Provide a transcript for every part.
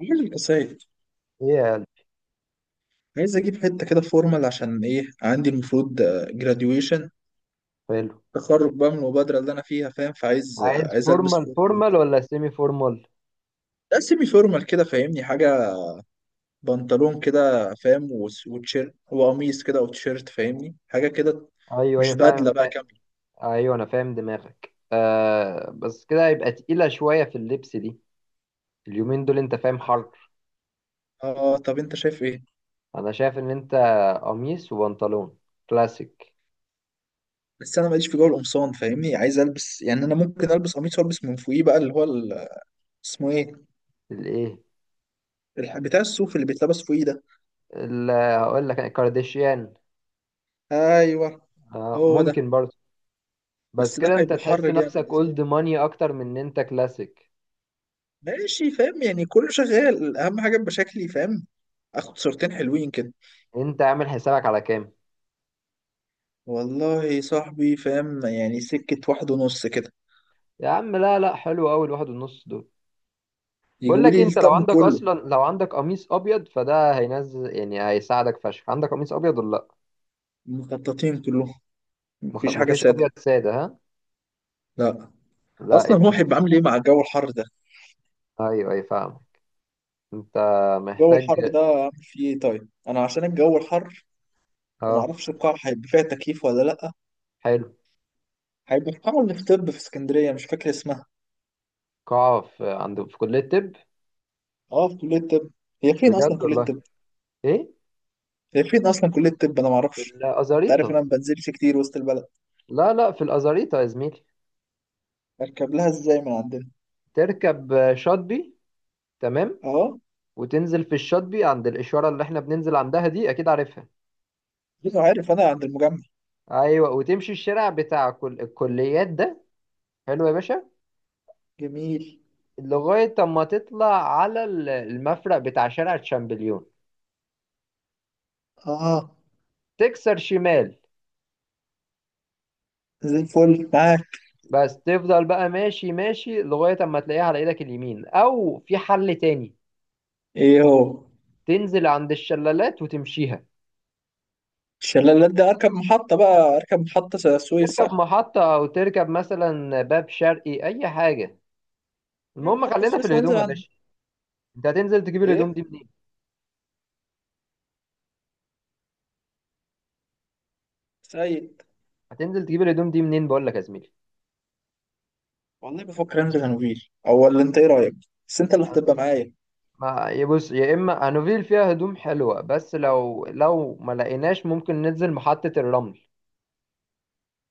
عامل القصايد. ايه يا؟ عايز اجيب حته كده فورمال، عشان ايه؟ عندي المفروض جراديويشن، حلو. تخرج بقى من المبادره اللي انا فيها، فاهم؟ فعايز آه، عايز عايز البس فورمال فورمال فورمال وكده. ولا سيمي فورمال؟ لا، سيمي فورمال كده، فاهمني حاجه؟ بنطلون كده، فاهم؟ وتيشيرت وقميص كده، او تيشيرت، فاهمني حاجه كده. ايوه ايوه مش بدله فاهم بقى فا... كامله. ايوه، انا فاهم دماغك، بس كده هيبقى تقيلة شوية في اللبس دي. اليومين دول انت فاهم، حر. اه، طب انت شايف ايه؟ انا شايف ان انت قميص وبنطلون كلاسيك. بس انا ماليش في جو القمصان، فاهمني؟ عايز البس يعني، انا ممكن البس قميص والبس من فوقيه بقى اللي هو اسمه ايه؟ الايه؟ بتاع الصوف اللي بيتلبس فوقيه ده. هقول لك الكارديشيان. ايوه، آه، هو ده. ممكن برضه. بس بس ده كده انت هيبقى تحس حر نفسك جامد، ده صح. اولد ماني اكتر من ان انت كلاسيك. ماشي، فاهم؟ يعني كله شغال، اهم حاجه يبقى شكلي فاهم، اخد صورتين حلوين كده. انت عامل حسابك على كام؟ والله صاحبي، فاهم؟ يعني سكه واحد ونص كده، يا عم، لا، لا، حلو قوي الواحد ونص دول. بقول يجيبوا لك إيه، لي انت الطقم كله. لو عندك قميص ابيض فده هينزل يعني هيساعدك فشخ، عندك قميص ابيض ولا لا؟ المخططين كلهم، مفيش حاجه مفيش ساده. ابيض ساده، ها؟ لا. لا، اصلا يبقى هو انت. هيبقى عامل ايه مع الجو الحر ده؟ ايوه، ايوه، فاهم. انت الجو محتاج. الحر ده عامل فيه ايه؟ طيب انا عشان الجو الحر، اه، ومعرفش القاعه هيبقى فيها تكييف ولا لا. حلو. هيبقى في قاعه اللي في طب، في اسكندريه، مش فاكر اسمها. قاعه في كليه الطب. اه، في كليه الطب. هي فين بجد اصلا كليه والله. الطب؟ ايه؟ هي فين اصلا كليه الطب؟ انا ما في اعرفش. انت عارف الازاريطه انا ما بنزلش كتير وسط البلد. لا، لا، في الازاريطه يا زميلي. اركب لها ازاي من عندنا؟ تركب شاطبي. تمام. اه، وتنزل في الشاطبي عند الاشاره اللي احنا بننزل عندها دي، اكيد عارفها. انا عارف، انا عند المجمع. ايوه، وتمشي الشارع بتاع كل الكليات ده. حلو يا باشا. جميل. لغاية أما تطلع على المفرق بتاع شارع تشامبليون. اه، تكسر شمال. زي الفل معاك. بس تفضل بقى ماشي ماشي لغاية أما تلاقيها على إيدك اليمين، أو في حل تاني. ايه هو؟ تنزل عند الشلالات وتمشيها. الشلالات دي اركب محطه بقى، اركب محطه السويس، تركب صح؟ محطة، أو تركب مثلا باب شرقي، أي حاجة. لا، المهم، محطه خلينا في السويس وانزل الهدوم يا عند باشا. أنت هتنزل تجيب الهدوم دي ايه؟ منين؟ سيد. هتنزل تجيب الهدوم دي منين، بقول لك يا زميلي؟ والله بفكر انزل هنوفيل او، ولا انت ايه رايك؟ بس انت اللي هتبقى معايا. ما يبص، يا إما أنوفيل فيها هدوم حلوة، بس لو ما لقيناش ممكن ننزل محطة الرمل.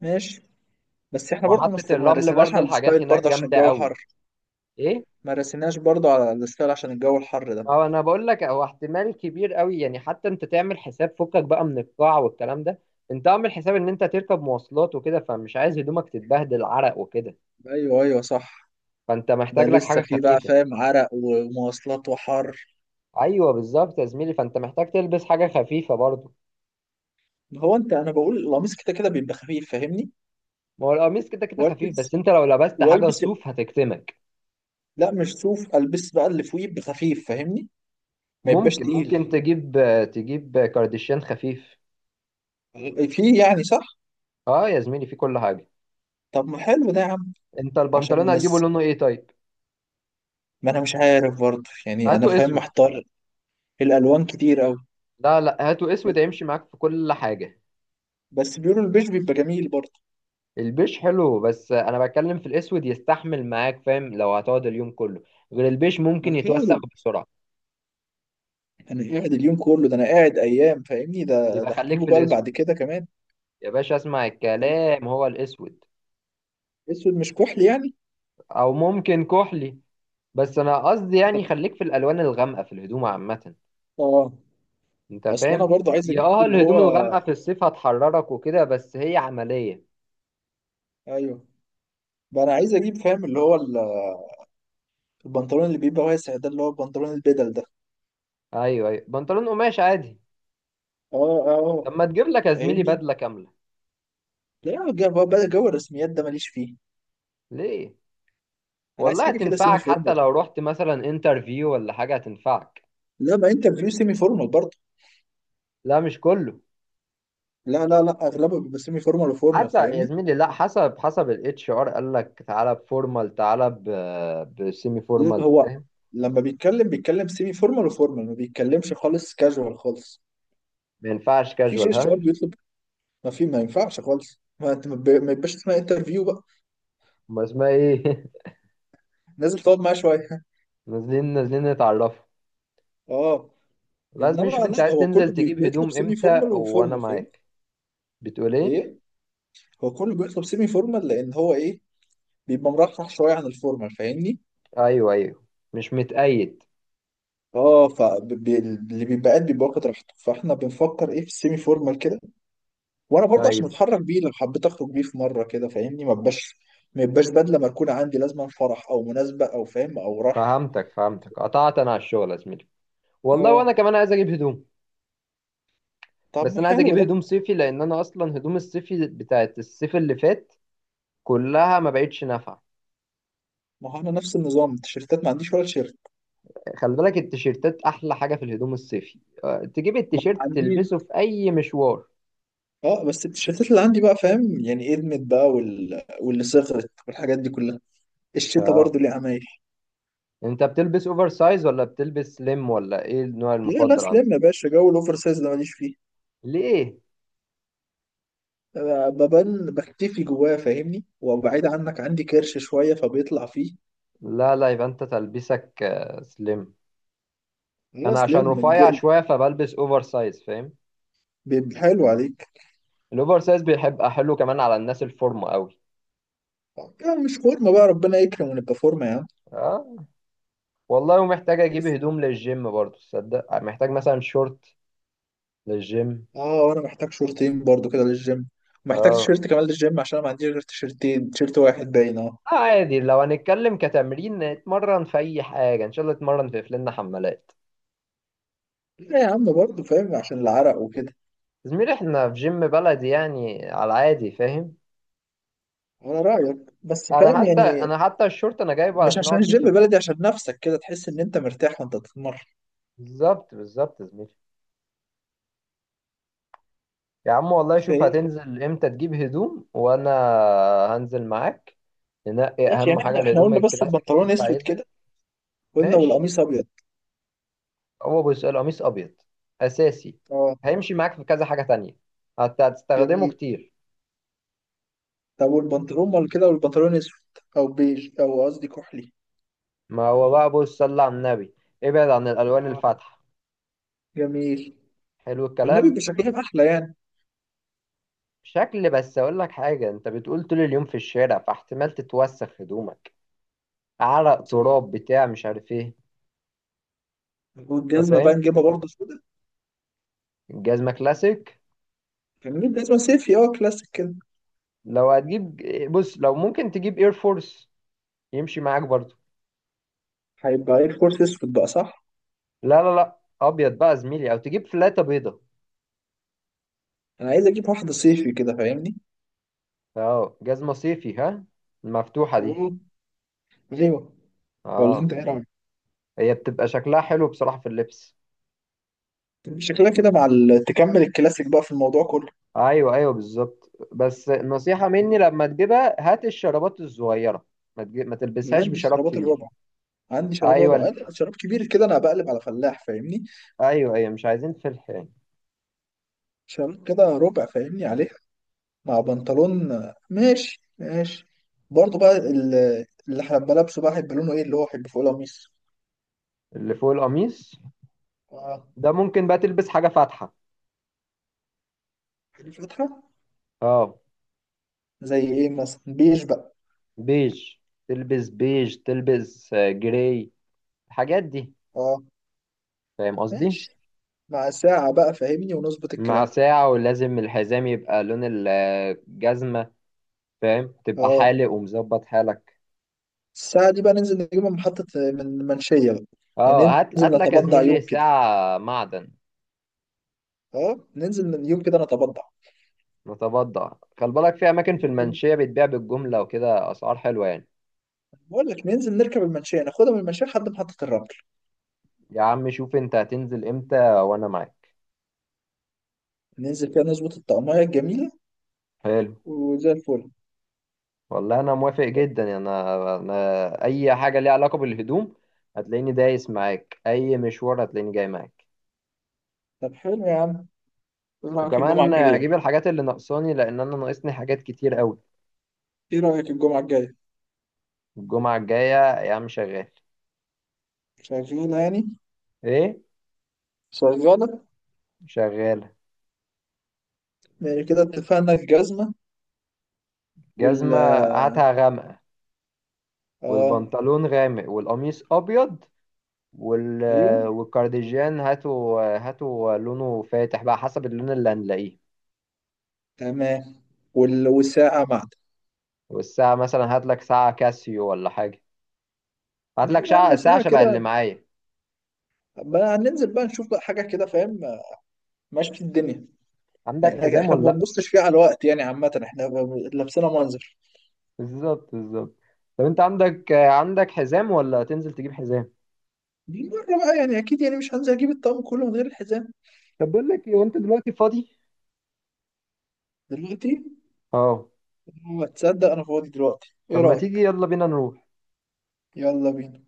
ماشي. بس احنا برضه محطة ما الرمل رسيناش برضه على الحاجات الستايل هناك برضه، عشان جامدة الجو حر. قوي. ايه؟ ما رسيناش برضه على الستايل، عشان الجو الحر ده. ما هو انا بقول لك، هو احتمال كبير قوي يعني، حتى انت تعمل حساب فكك بقى من القاع والكلام ده. انت اعمل حساب ان انت تركب مواصلات وكده، فمش عايز هدومك تتبهدل عرق وكده. ايوه، ايوه، صح. فانت ده محتاج لك لسه حاجة فيه بقى، خفيفة. فاهم؟ عرق ومواصلات وحر. ايوه، بالظبط يا زميلي، فانت محتاج تلبس حاجة خفيفة برضه. هو انت، انا بقول القميص كده كده بيبقى خفيف، فاهمني؟ ما هو القميص كده كده خفيف، والبس. بس انت لو لبست حاجة والبس. صوف هتكتمك. لا مش صوف، البس بقى اللي فوقيه يبقى خفيف، فاهمني؟ ما يبقاش ممكن تقيل. ممكن تجيب كارديشيان خفيف. فيه يعني، صح. اه يا زميلي، في كل حاجة. طب ما حلو ده يا عم. انت عشان البنطلون هتجيبه الناس، لونه ايه طيب؟ ما انا مش عارف برضه يعني، هاته انا فاهم، اسود. محتار. الالوان كتير قوي. لا، لا، هاتوا بس. اسود هيمشي معاك في كل حاجة. بس بيقولوا البيج بيبقى جميل برضه. البيش حلو، بس انا بتكلم في الاسود يستحمل معاك، فاهم لو هتقعد اليوم كله. غير البيش ما ممكن انا يتوسخ قاعد. بسرعة. انا قاعد اليوم كله ده، انا قاعد ايام، فاهمني؟ ده يبقى ده خليك هجيبه في بقى الاسود. بعد كده كمان. يا باشا اسمع طب، الكلام، هو الاسود. اسود مش كحلي يعني؟ او ممكن كحلي. بس انا قصدي يعني خليك في الالوان الغامقة في الهدوم عامة. اه. انت اصل انا فاهم. برضو عايز يا اجيب اه اللي الهدوم هو، الغامقة في الصيف هتحررك وكده، بس هي عملية. ايوه، بقى انا عايز اجيب، فاهم؟ اللي هو البنطلون اللي بيبقى واسع ده، اللي هو البنطلون البدل ده. ايوه، ايوه، بنطلون قماش عادي. اه، اه. طب ما تجيب لك يا زميلي فاهمني. بدلة كاملة؟ لا بقى جو الرسميات ده ماليش فيه. ليه؟ انا عايز والله حاجه كده سيمي هتنفعك، حتى فورمال. لو رحت مثلا انترفيو ولا حاجة هتنفعك. لا، ما انت بتقول سيمي فورمال برضه. لا، مش كله. لا، لا، لا، اغلبها بيبقى سيمي فورمال وفورمال، حسب يا فاهمني؟ زميلي، لا، حسب الاتش ار قال لك تعالى بفورمال تعالى بسيمي لا فورمال، هو، فاهم؟ لما بيتكلم بيتكلم سيمي فورمال وفورمال، ما بيتكلمش خالص كاجوال خالص. ما ينفعش مفيش كاجوال، HR ها؟ بيطلب، ما في، ما ينفعش خالص، ما انت ما يبقاش اسمها انترفيو بقى. ما اسمها ايه؟ نازل تقعد معاه شويه نازلين نازلين نتعرفوا. اه. لازم انما نشوف انت لا، عايز هو كله تنزل تجيب بيطلب هدوم سيمي امتى، فورمال وانا وفورمال، فاهمني؟ معاك. بتقول ايه؟ ايه؟ هو كله بيطلب سيمي فورمال، لان هو ايه؟ بيبقى مرحرح شويه عن الفورمال، فاهمني؟ ايوه، ايوه، مش متقيد. اه، فاللي بيبقى قاعد بيبقى واخد راحته، فاحنا بنفكر ايه في السيمي فورمال كده. وانا برضه عشان ايوه، اتحرك بيه، لو حبيت اخرج بيه في مره كده، فاهمني؟ ما يبقاش بدله مركونه عندي، لازما فرح او مناسبه، او فاهم او رايح. فهمتك فهمتك، قطعت انا على الشغل يا زميلي. والله وانا اه، كمان عايز اجيب هدوم. طب بس ما انا عايز حلو اجيب ده. هدوم صيفي، لان انا اصلا هدوم الصيفي بتاعت الصيف اللي فات كلها ما بقتش نافعه. ما هو انا نفس النظام، التيشيرتات ما عنديش ولا تيشيرت. خلي بالك التيشيرتات احلى حاجه في الهدوم الصيفي، تجيب ما التيشيرت عنديش. تلبسه في اي مشوار. اه، بس التيشيرتات اللي عندي بقى، فاهم؟ يعني ادمت بقى، واللي صغرت والحاجات دي كلها. الشتا اه. برضو ليه عمايل. انت بتلبس اوفر سايز، ولا بتلبس سليم، ولا ايه النوع لا، لا، المفضل سلام عندك؟ يا باشا، جو الاوفر سايز ده ماليش فيه. ليه؟ أنا ببان بختفي جواه، فاهمني؟ وبعيد عنك، عندي كرش شويه فبيطلع فيه. لا، لا، يبقى انت تلبسك سليم. لا، انا عشان سلام رفيع شويه فبلبس اوفر سايز، فاهم. بيبقى حلو عليك. الاوفر سايز بيحب حلو كمان على الناس الفورمه قوي. يعني مش فورمه بقى، ربنا يكرم ونبقى فورمه يا عم. اه. والله ومحتاج اجيب لسه. هدوم للجيم برضو، تصدق محتاج مثلا شورت للجيم. اه، وانا محتاج شورتين برضو كده للجيم. اه، ومحتاج آه. تيشيرت كمان للجيم، عشان أنا ما عنديش غير تيشيرتين، تيشيرت واحد باين، اه. عادي، لو هنتكلم كتمرين اتمرن في اي حاجه، ان شاء الله اتمرن في فلنا حمالات. لا يا عم، برضو فاهم؟ عشان العرق وكده. زميلي احنا في جيم بلدي يعني، على العادي، فاهم. على رأيك. بس انا فاهم حتى يعني. انا حتى الشورت انا جايبه مش علشان عشان اقعد بيه الجيم في البيت. بلدي، عشان نفسك كده تحس ان انت مرتاح وانت بتتمرن. بالظبط بالظبط يا زميلي. يا عم والله شوف، فايه. هتنزل امتى تجيب هدوم وانا هنزل معاك. ننقي ماشي، اهم يعني حاجه احنا الهدوم قلنا بس الكلاسيك اللي البنطلون انت اسود عايزها. كده، قلنا ماشي. والقميص ابيض. هو بص، القميص ابيض اساسي. اه، هيمشي معاك في كذا حاجه تانية. هتستخدمه جميل. كتير. طب والبنطلون مال كده، والبنطلون اسود، او بيج، او قصدي كحلي. ما هو بقى بص، صلى على النبي، ابعد عن الالوان اه، الفاتحه. جميل. حلو النبي الكلام. بيبقى شكلهم احلى يعني. شكل، بس اقول لك حاجه، انت بتقول طول اليوم في الشارع فاحتمال تتوسخ هدومك. عرق، صح. تراب، بتاع مش عارف ايه. انت والجزمه بقى فاهم. نجيبها برضه سودا. الجزمه كلاسيك. جميل، جزمه صيفي، اه كلاسيك كده. لو هتجيب. بص، لو ممكن تجيب اير فورس، يمشي معاك برضو. هيبقى ايه الكورس؟ اسود بقى، صح. لا، لا، لا، ابيض بقى زميلي، او تجيب فلاته بيضه. انا عايز اجيب واحده صيفي كده، فاهمني؟ اه، جزمه صيفي، ها؟ المفتوحه دي؟ اه. ايوه. ولا اه. انت ايه رأيك؟ هي بتبقى شكلها حلو بصراحة في اللبس. شكلها كده مع تكمل الكلاسيك بقى في الموضوع كله. ايوه، ايوه، بالظبط، بس نصيحة مني، لما تجيبها هات الشرابات الصغيرة. ما أنا تلبسهاش عندي بشراب شرابات كبير. الربع. عندي شراب ايوه ربع، ال- أنا شراب كبير كده انا بقلب على فلاح، فاهمني؟ ايوه، ايوه، مش عايزين فلح يعني. شراب كده ربع، فاهمني عليه. مع بنطلون. ماشي، ماشي. برضه بقى اللي هبقى لابسه بقى هيبقى لونه ايه؟ اللي هو هيبقى فوق القميص. اللي فوق القميص اه، ده، ممكن بقى تلبس حاجة فاتحة. هيبقى فاتحة. اه. زي ايه مثلا؟ بيج بقى. بيج، تلبس بيج، تلبس جراي، الحاجات دي. اه، فاهم قصدي؟ ماشي. مع ساعة بقى، فاهمني؟ ونظبط مع الكلام. ساعة، ولازم الحزام يبقى لون الجزمة، فاهم، تبقى اه، حالق ومظبط حالك. الساعة دي بقى ننزل نجيبها من محطة، من منشية بقى. يعني اه، هات هات ننزل لك يا نتبضع يوم زميلي كده. ساعة معدن. اه، ننزل من يوم كده نتبضع. متبضع. خلي بالك في أماكن في نركب. المنشية بتبيع بالجملة وكده، أسعار حلوة يعني. بقول لك ننزل نركب المنشية، ناخدها من المنشية لحد محطة الرمل. يا عم شوف، أنت هتنزل إمتى وأنا معاك؟ ننزل فيها نظبط الطعمية الجميلة. حلو. وزي الفل. والله أنا موافق جدا يعني، أنا أي حاجة ليها علاقة بالهدوم. هتلاقيني دايس معاك، أي مشوار هتلاقيني جاي معاك. طب حلو يا عم، ايه رأيك الجمعة وكمان الجاية؟ أجيب الحاجات اللي ناقصاني، لأن أنا ناقصني حاجات كتير أوي. ايه رأيك الجمعة الجاية؟ الجمعة الجاية يا عم شغال. شغالة يعني. إيه؟ شغالة. شغالة. يعني كده اتفقنا، الجزمة. وال، جزمة. هاتها غامقة. اه، والبنطلون غامق والقميص ابيض وال... ايوه، والكارديجان هاتوا هاتوا لونه فاتح، بقى حسب اللون اللي هنلاقيه. تمام. والساعة معنا. والساعة مثلا، هات لك ساعة كاسيو ولا حاجة. هات لا لك يا ساعة عم، ساعة ساعة شبه اللي كده، معايا. بقى هننزل بقى نشوف بقى حاجة كده، فاهم؟ ماشي في الدنيا. عندك يعني حزام احنا ولا ما لا؟ بنبصش فيها على الوقت يعني، عامة احنا لابسينها منظر. بالظبط بالظبط. طب انت عندك حزام، ولا تنزل تجيب حزام؟ دي مرة بقى يعني، أكيد يعني مش هنزل أجيب الطقم كله من غير الحزام. طب بقول لك ايه، وانت دلوقتي فاضي؟ دلوقتي؟ اه. هو تصدق أنا فاضي دلوقتي، طب إيه ما تيجي، رأيك؟ يلا بينا نروح. يلا بينا.